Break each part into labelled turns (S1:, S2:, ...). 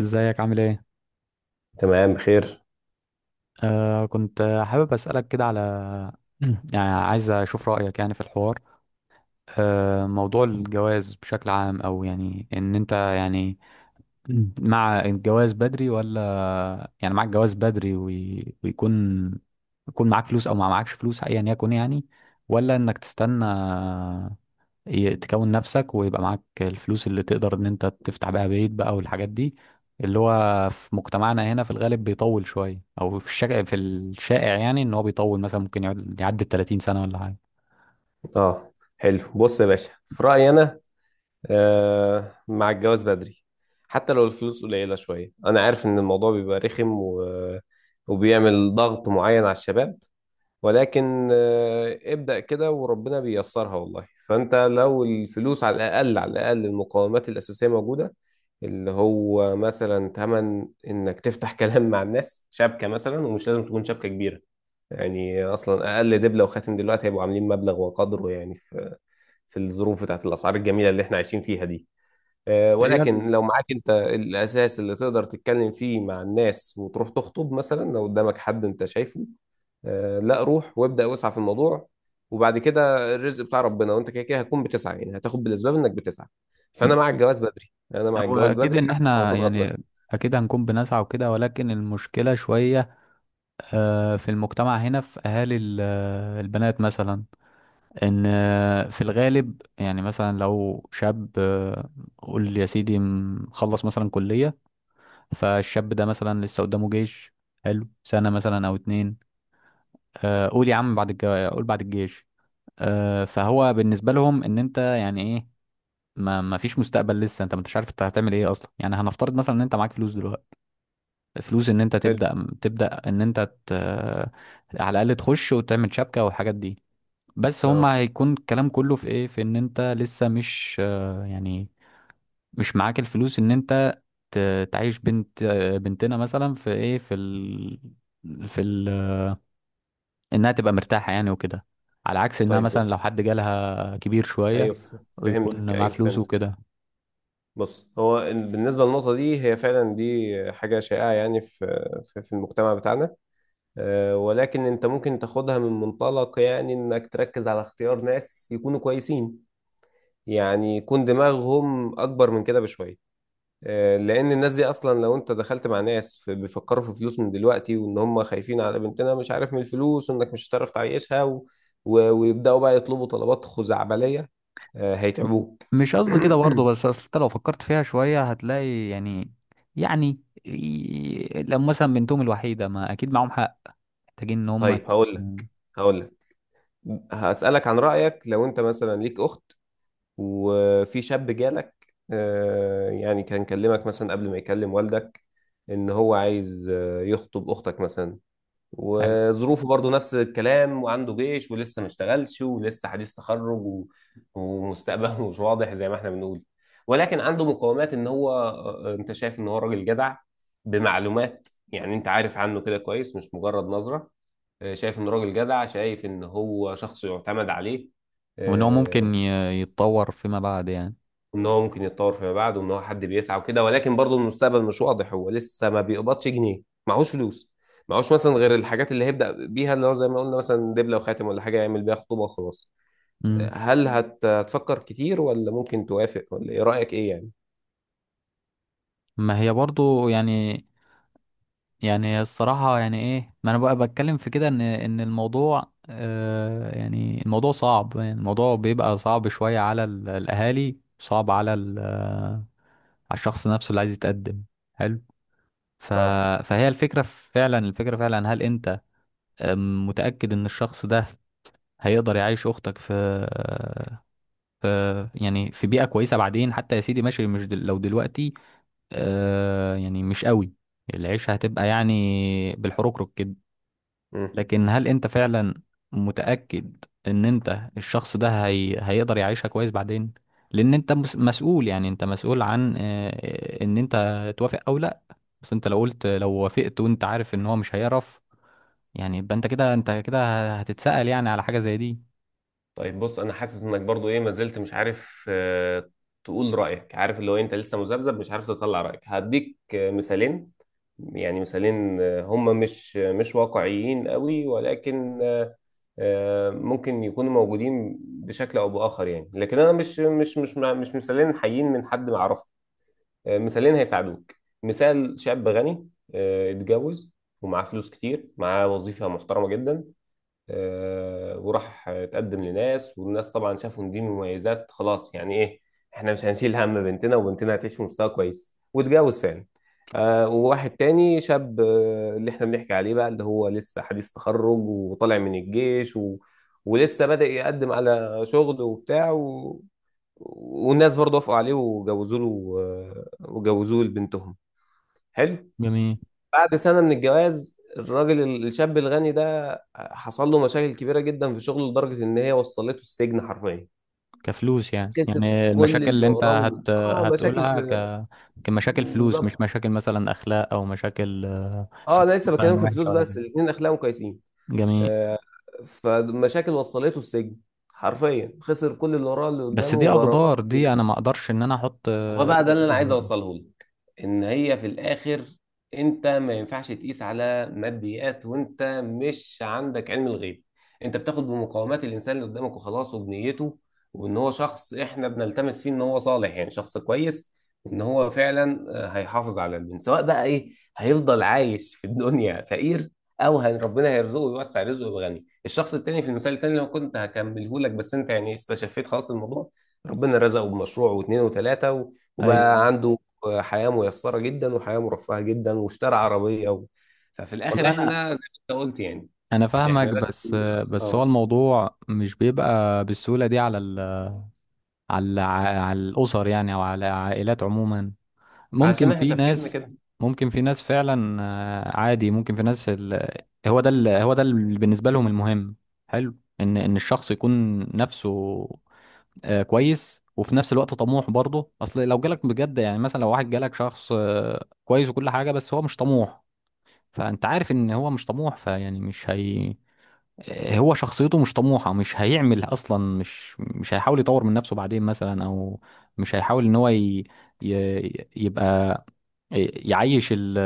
S1: ازيك عامل ايه؟
S2: تمام بخير.
S1: آه كنت آه، حابب اسالك كده على، يعني عايز اشوف رايك يعني في الحوار، موضوع الجواز بشكل عام، او يعني ان انت يعني مع الجواز بدري ولا، يعني معاك جواز بدري وي- ويكون يكون معاك فلوس او ما معاكش فلوس ايا يكن يعني، ولا انك تستنى تكون نفسك ويبقى معاك الفلوس اللي تقدر ان انت تفتح بيها بيت بقى والحاجات دي، اللي هو في مجتمعنا هنا في الغالب بيطول شوية، او في الشائع يعني ان هو بيطول، مثلا ممكن يعدي 30 سنة ولا حاجة.
S2: اه، حلو، بص يا باشا، في رأيي انا مع الجواز بدري، حتى لو الفلوس قليلة شوية. انا عارف ان الموضوع بيبقى رخم وبيعمل ضغط معين على الشباب، ولكن ابدأ كده وربنا بييسرها والله. فانت لو الفلوس على الاقل، على الاقل المقومات الأساسية موجودة، اللي هو مثلا تمن انك تفتح كلام مع الناس، شبكة مثلا، ومش لازم تكون شبكة كبيرة. يعني اصلا اقل دبله وخاتم دلوقتي هيبقوا عاملين مبلغ وقدره، يعني في في الظروف بتاعت الاسعار الجميله اللي احنا عايشين فيها دي.
S1: هي ال-
S2: ولكن لو معاك انت الاساس اللي تقدر تتكلم فيه مع الناس، وتروح تخطب مثلا، لو قدامك حد انت شايفه، لا، روح وابدا واسعى في الموضوع. وبعد كده الرزق بتاع ربنا، وانت كده كده هتكون بتسعى، يعني هتاخد بالاسباب انك بتسعى. فانا مع الجواز بدري، انا مع
S1: هو
S2: الجواز
S1: اكيد
S2: بدري
S1: ان
S2: حتى لو
S1: احنا
S2: هتضغط نفسك.
S1: يعني، اكيد هنكون بنسعى وكده، ولكن المشكله شويه في المجتمع هنا، في اهالي البنات مثلا، ان آه، في الغالب يعني، مثلا لو شاب قول يا سيدي مخلص مثلا كليه، فالشاب ده مثلا لسه قدامه جيش، حلو سنة مثلا أو اتنين، آه، قول يا عم بعد الجو... قول بعد الجيش. فهو بالنسبة لهم إن أنت يعني إيه، ما فيش مستقبل، لسه انت ما انتش عارف انت هتعمل ايه اصلا. يعني هنفترض مثلا ان انت معاك فلوس دلوقتي، فلوس ان انت
S2: حلو.
S1: تبدا ان انت ت... على الاقل تخش وتعمل شبكه والحاجات دي، بس هم
S2: اه.
S1: هيكون الكلام كله في ايه، في ان انت لسه مش يعني مش معاك الفلوس ان انت تعيش بنت، بنتنا مثلا في ايه في ال... في ال... انها تبقى مرتاحة يعني وكده، على عكس انها
S2: طيب،
S1: مثلا لو
S2: بص.
S1: حد جالها كبير شوية
S2: ايوه،
S1: ويكون
S2: فهمتك،
S1: معاه
S2: ايوه،
S1: فلوس
S2: فهمتك.
S1: وكده.
S2: بص، هو بالنسبة للنقطة دي، هي فعلا دي حاجة شائعة، يعني في المجتمع بتاعنا. ولكن انت ممكن تاخدها من منطلق، يعني انك تركز على اختيار ناس يكونوا كويسين، يعني يكون دماغهم اكبر من كده بشوية. لان الناس دي اصلا لو انت دخلت مع ناس بيفكروا في فلوس من دلوقتي، وان هم خايفين على بنتنا مش عارف من الفلوس، وانك مش هتعرف تعيشها ويبدأوا بقى يطلبوا طلبات خزعبلية. هيتعبوك.
S1: مش قصدي كده برضه، بس اصل انت لو فكرت فيها شوية هتلاقي يعني، يعني لو مثلا بنتهم الوحيدة ما اكيد معاهم حق، محتاجين ان هم.
S2: طيب، هقول
S1: مم.
S2: لك هقول لك هسألك عن رأيك. لو انت مثلا ليك اخت، وفي شاب جالك، يعني كان كلمك مثلا قبل ما يكلم والدك، ان هو عايز يخطب اختك مثلا،
S1: حلو.
S2: وظروفه برضو نفس الكلام، وعنده جيش، ولسه ما اشتغلش، ولسه حديث تخرج ومستقبله مش واضح زي ما احنا بنقول، ولكن عنده مقومات، ان هو انت شايف ان هو راجل جدع، بمعلومات. يعني انت عارف عنه كده كويس، مش مجرد نظرة. شايف انه راجل جدع، شايف ان هو شخص يعتمد عليه.
S1: وان هو
S2: آه،
S1: ممكن يتطور فيما بعد يعني.
S2: ان هو ممكن يتطور فيما بعد، وان هو حد بيسعى وكده، ولكن برضه المستقبل مش واضح، هو لسه ما بيقبضش جنيه، معهوش فلوس، معهوش مثلا غير الحاجات اللي هيبدأ بيها، اللي هو زي ما قلنا مثلا دبلة وخاتم، ولا حاجة يعمل بيها خطوبة وخلاص.
S1: مم.
S2: هتفكر كتير، ولا ممكن توافق، ولا ايه رأيك، ايه يعني؟
S1: ما هي برضو يعني، يعني الصراحة يعني ايه، ما انا بقى بتكلم في كده، ان ان الموضوع يعني الموضوع صعب، يعني الموضوع بيبقى صعب شوية على الاهالي، صعب على على الشخص نفسه اللي عايز يتقدم. حلو. ف...
S2: اه.
S1: فهي الفكرة فعلا هل انت متأكد ان الشخص ده هيقدر يعيش اختك آه، في يعني في بيئة كويسة بعدين؟ حتى يا سيدي ماشي، مش دل... لو دلوقتي يعني مش قوي، العيشة هتبقى يعني بالحركرك كده.
S2: مم.
S1: لكن هل انت فعلا متأكد ان انت الشخص ده هيقدر يعيشها كويس بعدين؟ لان انت مسؤول، يعني انت مسؤول عن ان انت توافق او لا. بس انت لو قلت، لو وافقت وانت عارف ان هو مش هيعرف، يعني يبقى انت كده، هتتسأل يعني على حاجة زي دي.
S2: طيب، بص، انا حاسس انك برضو ايه، ما زلت مش عارف تقول رايك. عارف، اللي هو انت لسه مذبذب مش عارف تطلع رايك. هديك مثالين، يعني مثالين هم مش واقعيين قوي، ولكن ممكن يكونوا موجودين بشكل او باخر يعني، لكن انا مش مثالين حيين من حد ما اعرفه. مثالين هيساعدوك. مثال شاب غني، اتجوز ومعاه فلوس كتير، معاه وظيفة محترمة جدا. وراح اتقدم لناس، والناس طبعا شافوا ان دي مميزات، خلاص يعني ايه، احنا مش هنشيل هم بنتنا، وبنتنا هتعيش في مستوى كويس، واتجوز فعلا. وواحد تاني شاب، اللي احنا بنحكي عليه بقى، اللي هو لسه حديث تخرج وطالع من الجيش ولسه بدأ يقدم على شغل وبتاع والناس برضه وافقوا عليه وجوزوا له، وجوزوه لبنتهم. حلو.
S1: جميل.
S2: بعد سنة من الجواز، الراجل الشاب الغني ده حصل له مشاكل كبيرة جدا في شغله، لدرجة إن هي وصلته السجن حرفيا.
S1: كفلوس يعني،
S2: كسب
S1: يعني
S2: كل
S1: المشاكل
S2: اللي
S1: اللي انت
S2: وراه اه مشاكل
S1: هتقولها
S2: في.
S1: كمشاكل فلوس، مش
S2: بالظبط.
S1: مشاكل مثلا اخلاق، او مشاكل
S2: اه، انا
S1: صفات
S2: لسه بكلمك
S1: مثلا
S2: في الفلوس،
S1: وحشة ولا
S2: بس
S1: كده؟
S2: الاثنين اخلاقهم كويسين.
S1: جميل.
S2: آه. فمشاكل وصلته السجن حرفيا، خسر كل اللي وراه، اللي
S1: بس
S2: قدامه
S1: دي
S2: غرامات.
S1: اقدار، دي انا ما اقدرش ان انا احط
S2: هو بقى ده
S1: ايدي
S2: اللي انا
S1: فيها
S2: عايز
S1: بقى.
S2: اوصله لك، ان هي في الاخر انت ما ينفعش تقيس على ماديات، وانت مش عندك علم الغيب. انت بتاخد بمقاومات الانسان اللي قدامك وخلاص، وبنيته، وان هو شخص احنا بنلتمس فيه ان هو صالح، يعني شخص كويس، وان هو فعلا هيحافظ على البنت، سواء بقى ايه، هيفضل عايش في الدنيا فقير، او ربنا هيرزقه ويوسع رزقه ويبقى غني. الشخص التاني في المثال التاني اللي أنا كنت هكمله لك، بس انت يعني استشفيت خلاص الموضوع، ربنا رزقه بمشروع واثنين وثلاثة، وبقى
S1: ايوه.
S2: عنده حياة ميسرة جدا، وحياة مرفهة جدا، واشترى عربية ففي الآخر
S1: والله انا،
S2: احنا زي ما انت قلت يعني،
S1: انا
S2: احنا
S1: فاهمك،
S2: لازم،
S1: بس بس هو
S2: اه،
S1: الموضوع مش بيبقى بالسهوله دي على على على الاسر يعني، او على العائلات عموما.
S2: عشان
S1: ممكن
S2: احنا
S1: في
S2: تفكيرنا
S1: ناس،
S2: كده.
S1: فعلا عادي. ممكن في هو ده هو ده اللي بالنسبة لهم المهم، حلو، ان ان الشخص يكون نفسه كويس، وفي نفس الوقت طموح برضه. اصل لو جالك بجد يعني، مثلا لو واحد جالك شخص كويس وكل حاجة، بس هو مش طموح، فانت عارف ان هو مش طموح. فيعني مش هي آه، هو شخصيته مش طموحة، مش هيعمل اصلا، مش هيحاول يطور من نفسه بعدين مثلا، او مش هيحاول ان يبقى يعيش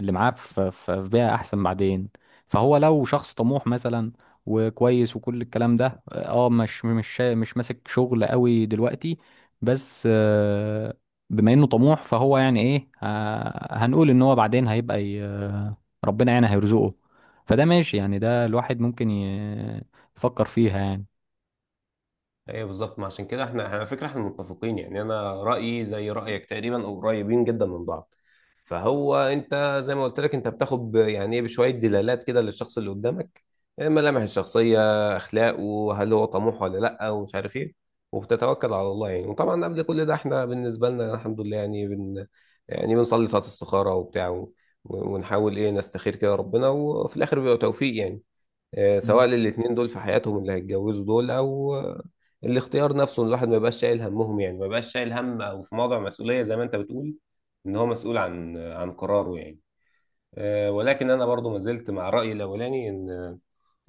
S1: اللي معاه في بيئة أحسن بعدين. فهو لو شخص طموح مثلا وكويس وكل الكلام ده، اه مش ماسك شغل قوي دلوقتي، بس بما انه طموح، فهو يعني ايه، هنقول ان هو بعدين هيبقى ربنا يعني هيرزقه. فده ماشي يعني، ده الواحد ممكن يفكر فيها يعني.
S2: ايه بالظبط، ما عشان كده احنا على فكره احنا متفقين يعني، انا رايي زي رايك تقريبا، او قريبين جدا من بعض. فهو انت زي ما قلت لك، انت بتاخد يعني ايه، بشويه دلالات كده للشخص اللي قدامك، إيه ملامح الشخصيه، اخلاقه، هل هو طموح ولا لا، ومش عارف ايه، وبتتوكل على الله يعني. وطبعا قبل كل ده احنا بالنسبه لنا الحمد لله، يعني بن يعني بنصلي صلاه استخاره وبتاع ونحاول ايه نستخير كده ربنا، وفي الاخر بيبقى توفيق يعني، سواء للاتنين دول في حياتهم اللي هيتجوزوا دول، او الاختيار نفسه، إن الواحد ما يبقاش شايل همهم، يعني ما يبقاش شايل هم، او في موضع مسؤولية زي ما انت بتقول ان هو مسؤول عن قراره يعني. ولكن انا برضو ما زلت مع رأيي الاولاني، ان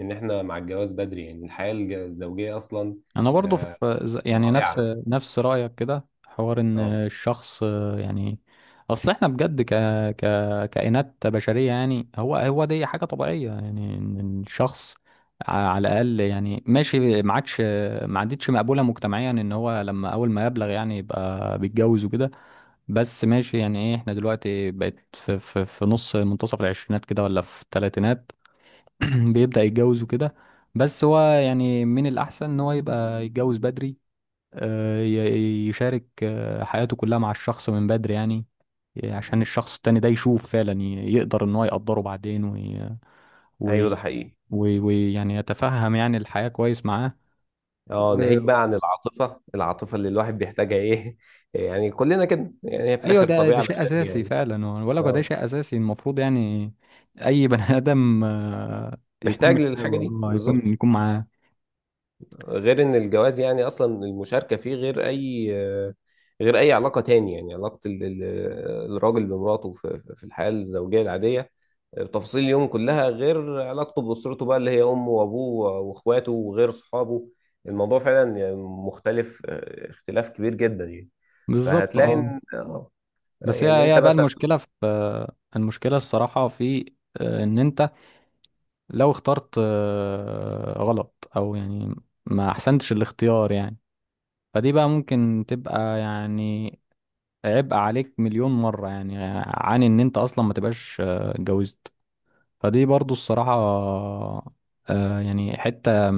S2: ان احنا مع الجواز بدري. يعني الحياة الزوجية اصلا
S1: انا برضو
S2: آه،
S1: في يعني نفس
S2: رائعة.
S1: نفس رايك كده حوار، ان
S2: اه.
S1: الشخص يعني اصل احنا بجد ك ك كائنات بشريه. يعني هو دي حاجه طبيعيه، يعني ان الشخص على الاقل يعني ماشي، ما عادش ما عادتش مقبوله مجتمعيا ان هو لما اول ما يبلغ يعني يبقى بيتجوز وكده، بس ماشي يعني ايه، احنا دلوقتي بقت في نص منتصف العشرينات كده، ولا في الثلاثينات بيبدأ يتجوز وكده. بس هو يعني من الأحسن إن هو يبقى يتجوز بدري، يشارك حياته كلها مع الشخص من بدري يعني، عشان الشخص التاني ده يشوف فعلا يقدر إن هو يقدره بعدين
S2: ايوه، ده
S1: وي...
S2: حقيقي.
S1: ويعني يتفهم يعني الحياة كويس معاه.
S2: اه،
S1: و...
S2: ناهيك بقى عن العاطفة، العاطفة اللي الواحد بيحتاجها ايه، يعني كلنا كده يعني، هي في
S1: ايوه،
S2: الاخر
S1: ده
S2: طبيعة
S1: شيء
S2: بشرية
S1: اساسي
S2: يعني.
S1: فعلا، ولا ده
S2: اه،
S1: شيء اساسي المفروض يعني، اي بني ادم يكون
S2: محتاج
S1: محتاجه،
S2: للحاجة دي بالظبط.
S1: يكون معاه.
S2: غير ان الجواز يعني اصلا المشاركه فيه غير اي، غير اي علاقه تاني، يعني علاقه الراجل بمراته في الحياه الزوجيه العاديه، تفاصيل اليوم كلها، غير علاقته باسرته بقى، اللي هي امه وابوه واخواته، وغير صحابه. الموضوع فعلا يعني مختلف، اختلاف كبير جدا يعني.
S1: بالظبط.
S2: فهتلاقي
S1: اه.
S2: ان
S1: بس
S2: يعني
S1: هي
S2: انت
S1: هي بقى
S2: مثلا.
S1: المشكلة في، المشكلة الصراحة في ان انت لو اخترت غلط، او يعني ما احسنتش الاختيار يعني، فدي بقى ممكن تبقى يعني عبء عليك مليون مرة، يعني عن ان انت اصلا ما تبقاش اتجوزت. فدي برضو الصراحة يعني حتة،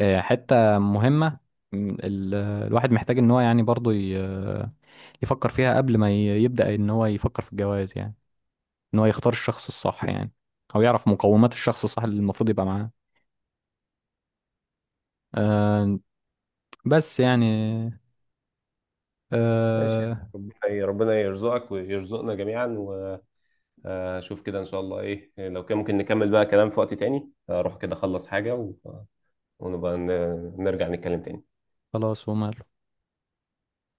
S1: حتة مهمة، الواحد محتاج ان هو يعني برضو يفكر فيها قبل ما يبدأ ان هو يفكر في الجواز يعني، ان هو يختار الشخص الصح يعني، او يعرف مقومات الشخص الصح اللي المفروض يبقى معاه. آه بس يعني
S2: ماشي.
S1: آه
S2: ربنا، ربنا يرزقك ويرزقنا جميعا. شوف كده ان شاء الله ايه، لو كان ممكن نكمل بقى كلام في وقت تاني، اروح كده اخلص حاجة ونبقى نرجع نتكلم تاني.
S1: خلاص وماله.